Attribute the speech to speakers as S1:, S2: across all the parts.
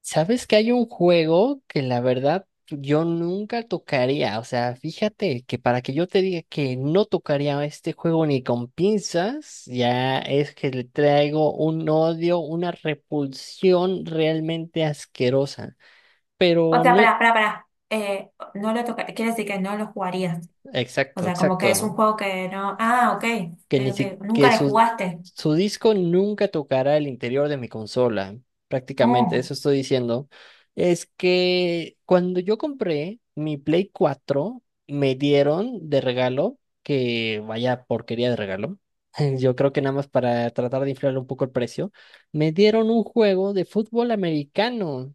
S1: Sabes que hay un juego que la verdad yo nunca tocaría. O sea, fíjate que para que yo te diga que no tocaría este juego ni con pinzas, ya es que le traigo un odio, una repulsión realmente asquerosa.
S2: O
S1: Pero
S2: sea,
S1: no,
S2: pará, pará, pará. No lo toca, quiere decir que no lo jugarías. O
S1: exacto,
S2: sea, como que es un
S1: exacto.
S2: juego que no. Ah, ok, ok,
S1: que ni si-
S2: ok.
S1: Que
S2: Nunca le
S1: su,
S2: jugaste.
S1: su disco nunca tocará el interior de mi consola. Prácticamente,
S2: Mm,
S1: eso estoy diciendo. Es que cuando yo compré mi Play 4 me dieron de regalo, que vaya porquería de regalo. Yo creo que nada más para tratar de inflar un poco el precio, me dieron un juego de fútbol americano.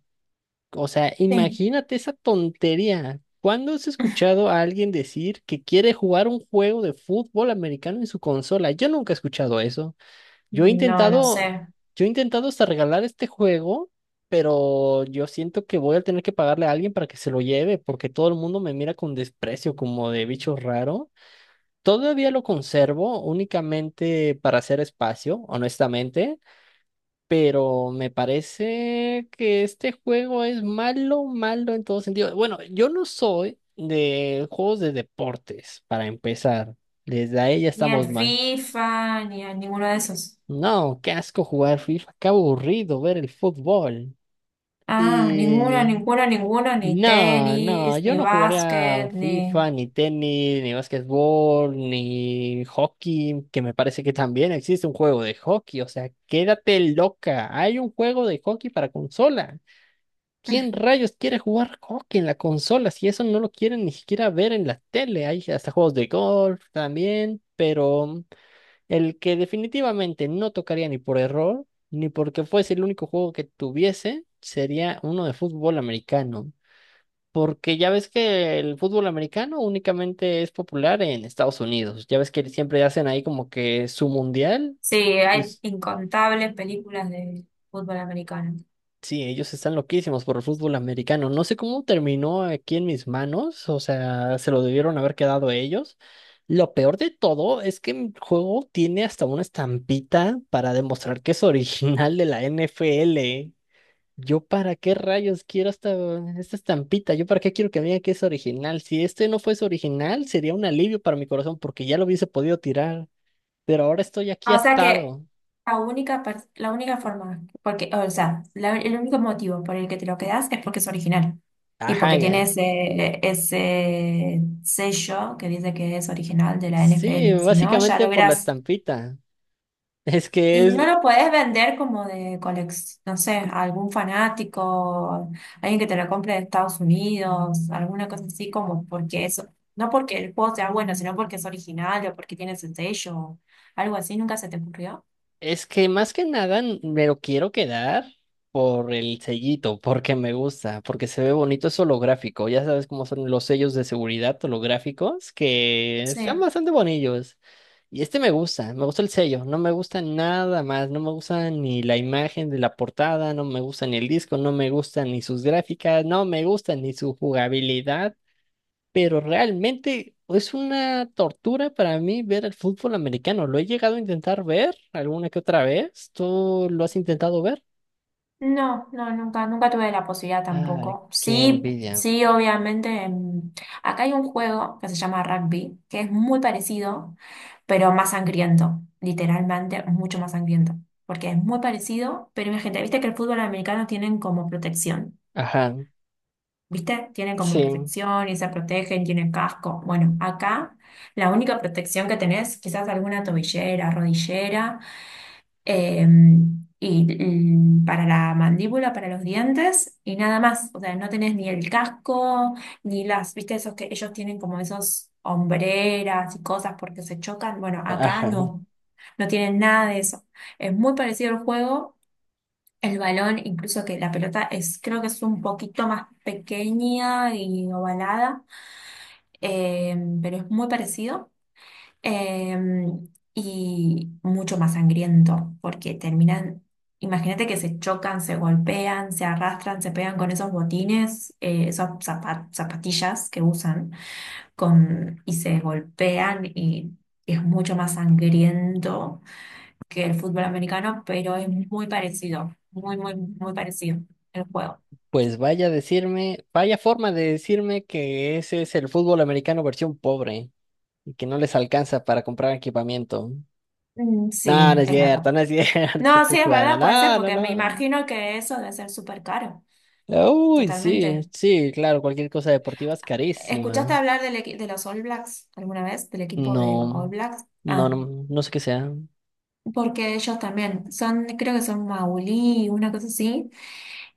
S1: O sea,
S2: sí.
S1: imagínate esa tontería. ¿Cuándo has escuchado a alguien decir que quiere jugar un juego de fútbol americano en su consola? Yo nunca he escuchado eso. Yo he
S2: No, no sé.
S1: intentado, yo he intentado hasta regalar este juego, pero yo siento que voy a tener que pagarle a alguien para que se lo lleve, porque todo el mundo me mira con desprecio como de bicho raro. Todavía lo conservo únicamente para hacer espacio, honestamente, pero me parece que este juego es malo, malo en todo sentido. Bueno, yo no soy de juegos de deportes, para empezar. Desde ahí ya
S2: Ni al
S1: estamos mal.
S2: FIFA, ni a ninguno de esos.
S1: No, qué asco jugar FIFA, qué aburrido ver el fútbol.
S2: Ah, ninguno,
S1: Y
S2: ninguno, ninguno, ni
S1: no, no,
S2: tenis,
S1: yo
S2: ni
S1: no jugaría
S2: básquet, ni...
S1: FIFA, ni tenis, ni básquetbol, ni hockey, que me parece que también existe un juego de hockey. O sea, quédate loca, hay un juego de hockey para consola. ¿Quién rayos quiere jugar hockey en la consola si eso no lo quieren ni siquiera ver en la tele? Hay hasta juegos de golf también, pero el que definitivamente no tocaría ni por error, ni porque fuese el único juego que tuviese, sería uno de fútbol americano. Porque ya ves que el fútbol americano únicamente es popular en Estados Unidos. Ya ves que siempre hacen ahí como que su mundial.
S2: Sí,
S1: y
S2: hay incontables películas de fútbol americano.
S1: Sí, ellos están loquísimos por el fútbol americano. No sé cómo terminó aquí en mis manos, o sea, se lo debieron haber quedado ellos. Lo peor de todo es que el juego tiene hasta una estampita para demostrar que es original de la NFL. Yo para qué rayos quiero esta, esta estampita, yo para qué quiero que me diga que es original. Si este no fuese original, sería un alivio para mi corazón porque ya lo hubiese podido tirar, pero ahora estoy aquí
S2: O sea que
S1: atado.
S2: la única forma, porque, o sea, el único motivo por el que te lo quedas es porque es original y
S1: Ajá,
S2: porque tiene ese sello que dice que es original de la
S1: sí,
S2: NFL. Si no, ya
S1: básicamente
S2: lo
S1: por la
S2: verás.
S1: estampita. Es que
S2: Y no
S1: es,
S2: lo podés vender como de colección, no sé, a algún fanático, alguien que te lo compre de Estados Unidos, alguna cosa así como porque eso, no porque el juego sea bueno, sino porque es original o porque tiene ese sello, algo así, nunca se te ocurrió.
S1: es que más que nada me lo quiero quedar por el sellito, porque me gusta, porque se ve bonito, es holográfico. Ya sabes cómo son los sellos de seguridad holográficos, que están
S2: Sí.
S1: bastante bonillos. Y este me gusta el sello, no me gusta nada más, no me gusta ni la imagen de la portada, no me gusta ni el disco, no me gusta ni sus gráficas, no me gusta ni su jugabilidad. Pero realmente es una tortura para mí ver el fútbol americano. Lo he llegado a intentar ver alguna que otra vez. ¿Tú lo has intentado ver?
S2: No, no, nunca, nunca tuve la posibilidad
S1: Ay,
S2: tampoco.
S1: qué
S2: Sí,
S1: envidia.
S2: sí, obviamente. Acá hay un juego que se llama rugby, que es muy parecido, pero más sangriento, literalmente mucho más sangriento, porque es muy parecido, pero imagínate, viste que el fútbol americano tienen como protección,
S1: Ajá,
S2: viste, tienen como
S1: sí,
S2: protección y se protegen, tienen casco. Bueno, acá la única protección que tenés, quizás alguna tobillera, rodillera eh, y para la mandíbula, para los dientes, y nada más. O sea, no tenés ni el casco, ni las, viste, esos que ellos tienen como esos hombreras y cosas porque se chocan. Bueno, acá
S1: ajá.
S2: no, no tienen nada de eso. Es muy parecido al juego. El balón, incluso que la pelota es, creo que es un poquito más pequeña y ovalada, eh, pero es muy parecido. Y mucho más sangriento, porque imagínate que se chocan, se golpean, se arrastran, se pegan con esos botines, esas zapatillas que usan, y se golpean y es mucho más sangriento que el fútbol americano, pero es muy parecido, muy, muy, muy parecido el juego.
S1: Pues vaya a decirme, vaya forma de decirme que ese es el fútbol americano versión pobre y que no les alcanza para comprar equipamiento.
S2: Mm,
S1: No,
S2: sí,
S1: no es
S2: es verdad.
S1: cierto, no es cierto,
S2: No,
S1: estoy
S2: sí, es
S1: jugando.
S2: verdad, puede ser,
S1: No, no,
S2: porque me
S1: no.
S2: imagino que eso debe ser súper caro,
S1: Uy, sí,
S2: totalmente.
S1: sí, claro, cualquier cosa deportiva es
S2: ¿Escuchaste
S1: carísima.
S2: hablar de los All Blacks alguna vez? ¿Del equipo de All
S1: No,
S2: Blacks?
S1: no,
S2: Ah,
S1: no, no sé qué sea.
S2: porque ellos también son, creo que son maulí, una cosa así,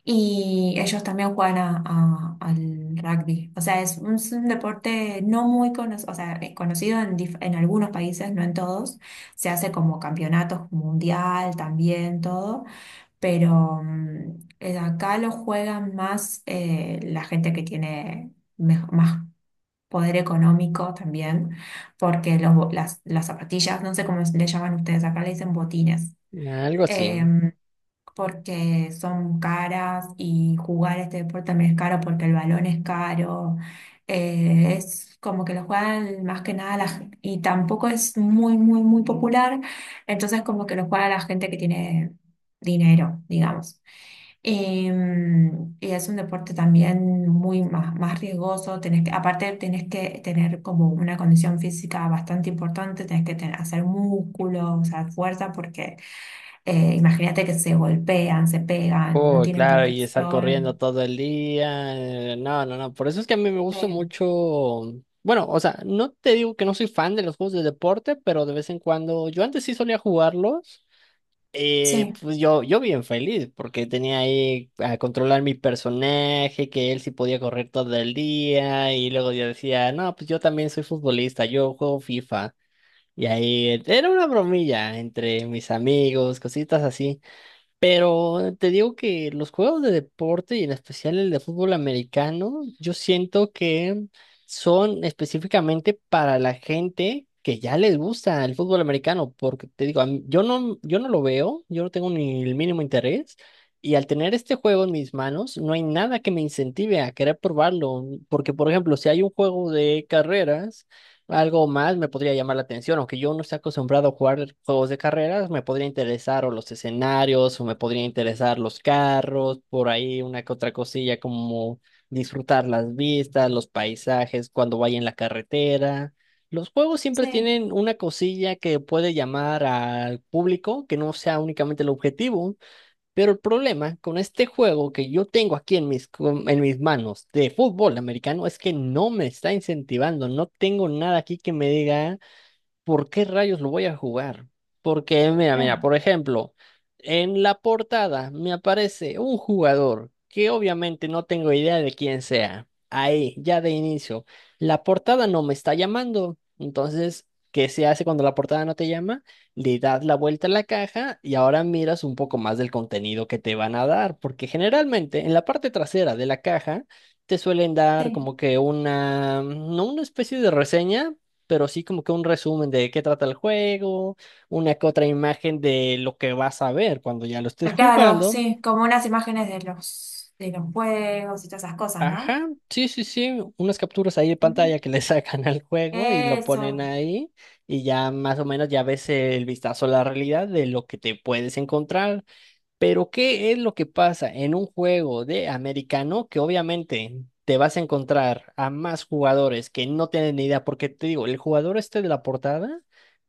S2: y ellos también juegan al rugby. O sea, es un deporte no muy conocido, o sea, es conocido en algunos países, no en todos. Se hace como campeonatos mundial también, todo, pero acá lo juegan más la gente que tiene... más poder económico también, porque las zapatillas, no sé cómo le llaman ustedes, acá le dicen botines,
S1: Algo así.
S2: em, porque son caras y jugar este deporte también es caro porque el balón es caro, es como que lo juegan más que nada y tampoco es muy, muy, muy popular, entonces como que lo juega la gente que tiene dinero, digamos. Y es un deporte también más riesgoso, aparte tenés que tener como una condición física bastante importante, hacer músculo, o sea, fuerza, porque imagínate que se golpean, se pegan, no
S1: Oh,
S2: tienen
S1: claro, y estar corriendo
S2: protección.
S1: todo el día. No, no, no. Por eso es que a mí me gusta
S2: Sí,
S1: mucho. Bueno, o sea, no te digo que no soy fan de los juegos de deporte, pero de vez en cuando. Yo antes sí solía jugarlos.
S2: sí,
S1: Pues yo bien feliz, porque tenía ahí a controlar mi personaje, que él sí podía correr todo el día. Y luego yo decía, no, pues yo también soy futbolista, yo juego FIFA. Y ahí era una bromilla entre mis amigos, cositas así. Pero te digo que los juegos de deporte y en especial el de fútbol americano, yo siento que son específicamente para la gente que ya les gusta el fútbol americano, porque te digo, yo no, yo no lo veo, yo no tengo ni el mínimo interés. Y al tener este juego en mis manos, no hay nada que me incentive a querer probarlo, porque por ejemplo, si hay un juego de carreras, algo más me podría llamar la atención, aunque yo no esté acostumbrado a jugar juegos de carreras, me podría interesar o los escenarios, o me podría interesar los carros, por ahí una que otra cosilla como disfrutar las vistas, los paisajes cuando vaya en la carretera. Los juegos siempre
S2: sí,
S1: tienen una cosilla que puede llamar al público, que no sea únicamente el objetivo. Pero el problema con este juego que yo tengo aquí en en mis manos de fútbol americano es que no me está incentivando, no tengo nada aquí que me diga, ¿por qué rayos lo voy a jugar? Porque, mira, mira,
S2: claro,
S1: por ejemplo, en la portada me aparece un jugador que obviamente no tengo idea de quién sea. Ahí, ya de inicio, la portada no me está llamando. Entonces, ¿qué se hace cuando la portada no te llama? Le das la vuelta a la caja y ahora miras un poco más del contenido que te van a dar, porque generalmente en la parte trasera de la caja te suelen dar
S2: sí.
S1: como que una, no una especie de reseña, pero sí como que un resumen de qué trata el juego, una que otra imagen de lo que vas a ver cuando ya lo estés
S2: Claro,
S1: jugando.
S2: sí, como unas imágenes de de los juegos y todas esas cosas, ¿no?
S1: Ajá, sí, unas capturas ahí de
S2: Ujú.
S1: pantalla que le sacan al juego y lo ponen
S2: Eso,
S1: ahí y ya más o menos ya ves el vistazo a la realidad de lo que te puedes encontrar. Pero, ¿qué es lo que pasa en un juego de americano? Que obviamente te vas a encontrar a más jugadores que no tienen ni idea, porque te digo, el jugador este de la portada,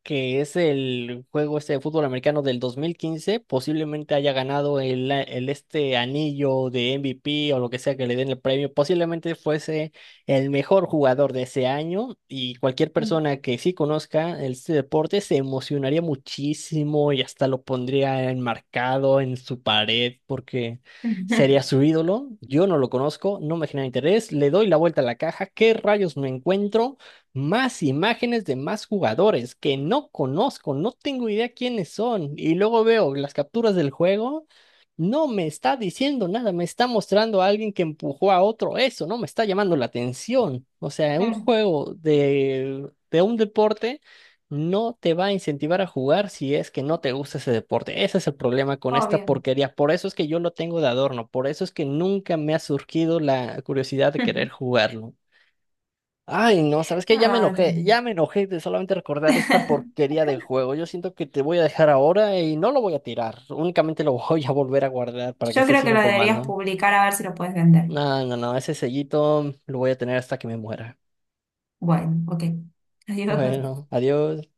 S1: que es el juego este de fútbol americano del 2015, posiblemente haya ganado el este anillo de MVP o lo que sea que le den el premio, posiblemente fuese el mejor jugador de ese año y cualquier
S2: sí.
S1: persona que sí conozca este deporte se emocionaría muchísimo y hasta lo pondría enmarcado en su pared porque sería su ídolo. Yo no lo conozco, no me genera interés, le doy la vuelta a la caja, ¿qué rayos me encuentro? Más imágenes de más jugadores que no conozco, no tengo idea quiénes son y luego veo las capturas del juego. No me está diciendo nada, me está mostrando a alguien que empujó a otro, eso no me está llamando la atención. O sea, un
S2: Claro,
S1: juego de un deporte no te va a incentivar a jugar si es que no te gusta ese deporte. Ese es el problema con esta
S2: obvio.
S1: porquería. Por eso es que yo lo tengo de adorno, por eso es que nunca me ha surgido la curiosidad de querer jugarlo. Ay, no, ¿sabes qué?
S2: Ah, no.
S1: Ya me enojé de solamente recordar esta porquería de juego. Yo siento que te voy a dejar ahora y no lo voy a tirar, únicamente lo voy a volver a guardar para que
S2: Yo
S1: se
S2: creo que
S1: siga
S2: lo deberías
S1: empolvando.
S2: publicar a ver si lo puedes vender.
S1: No, no, no, ese sellito lo voy a tener hasta que me muera.
S2: Bueno, ok. Adiós.
S1: Bueno, adiós.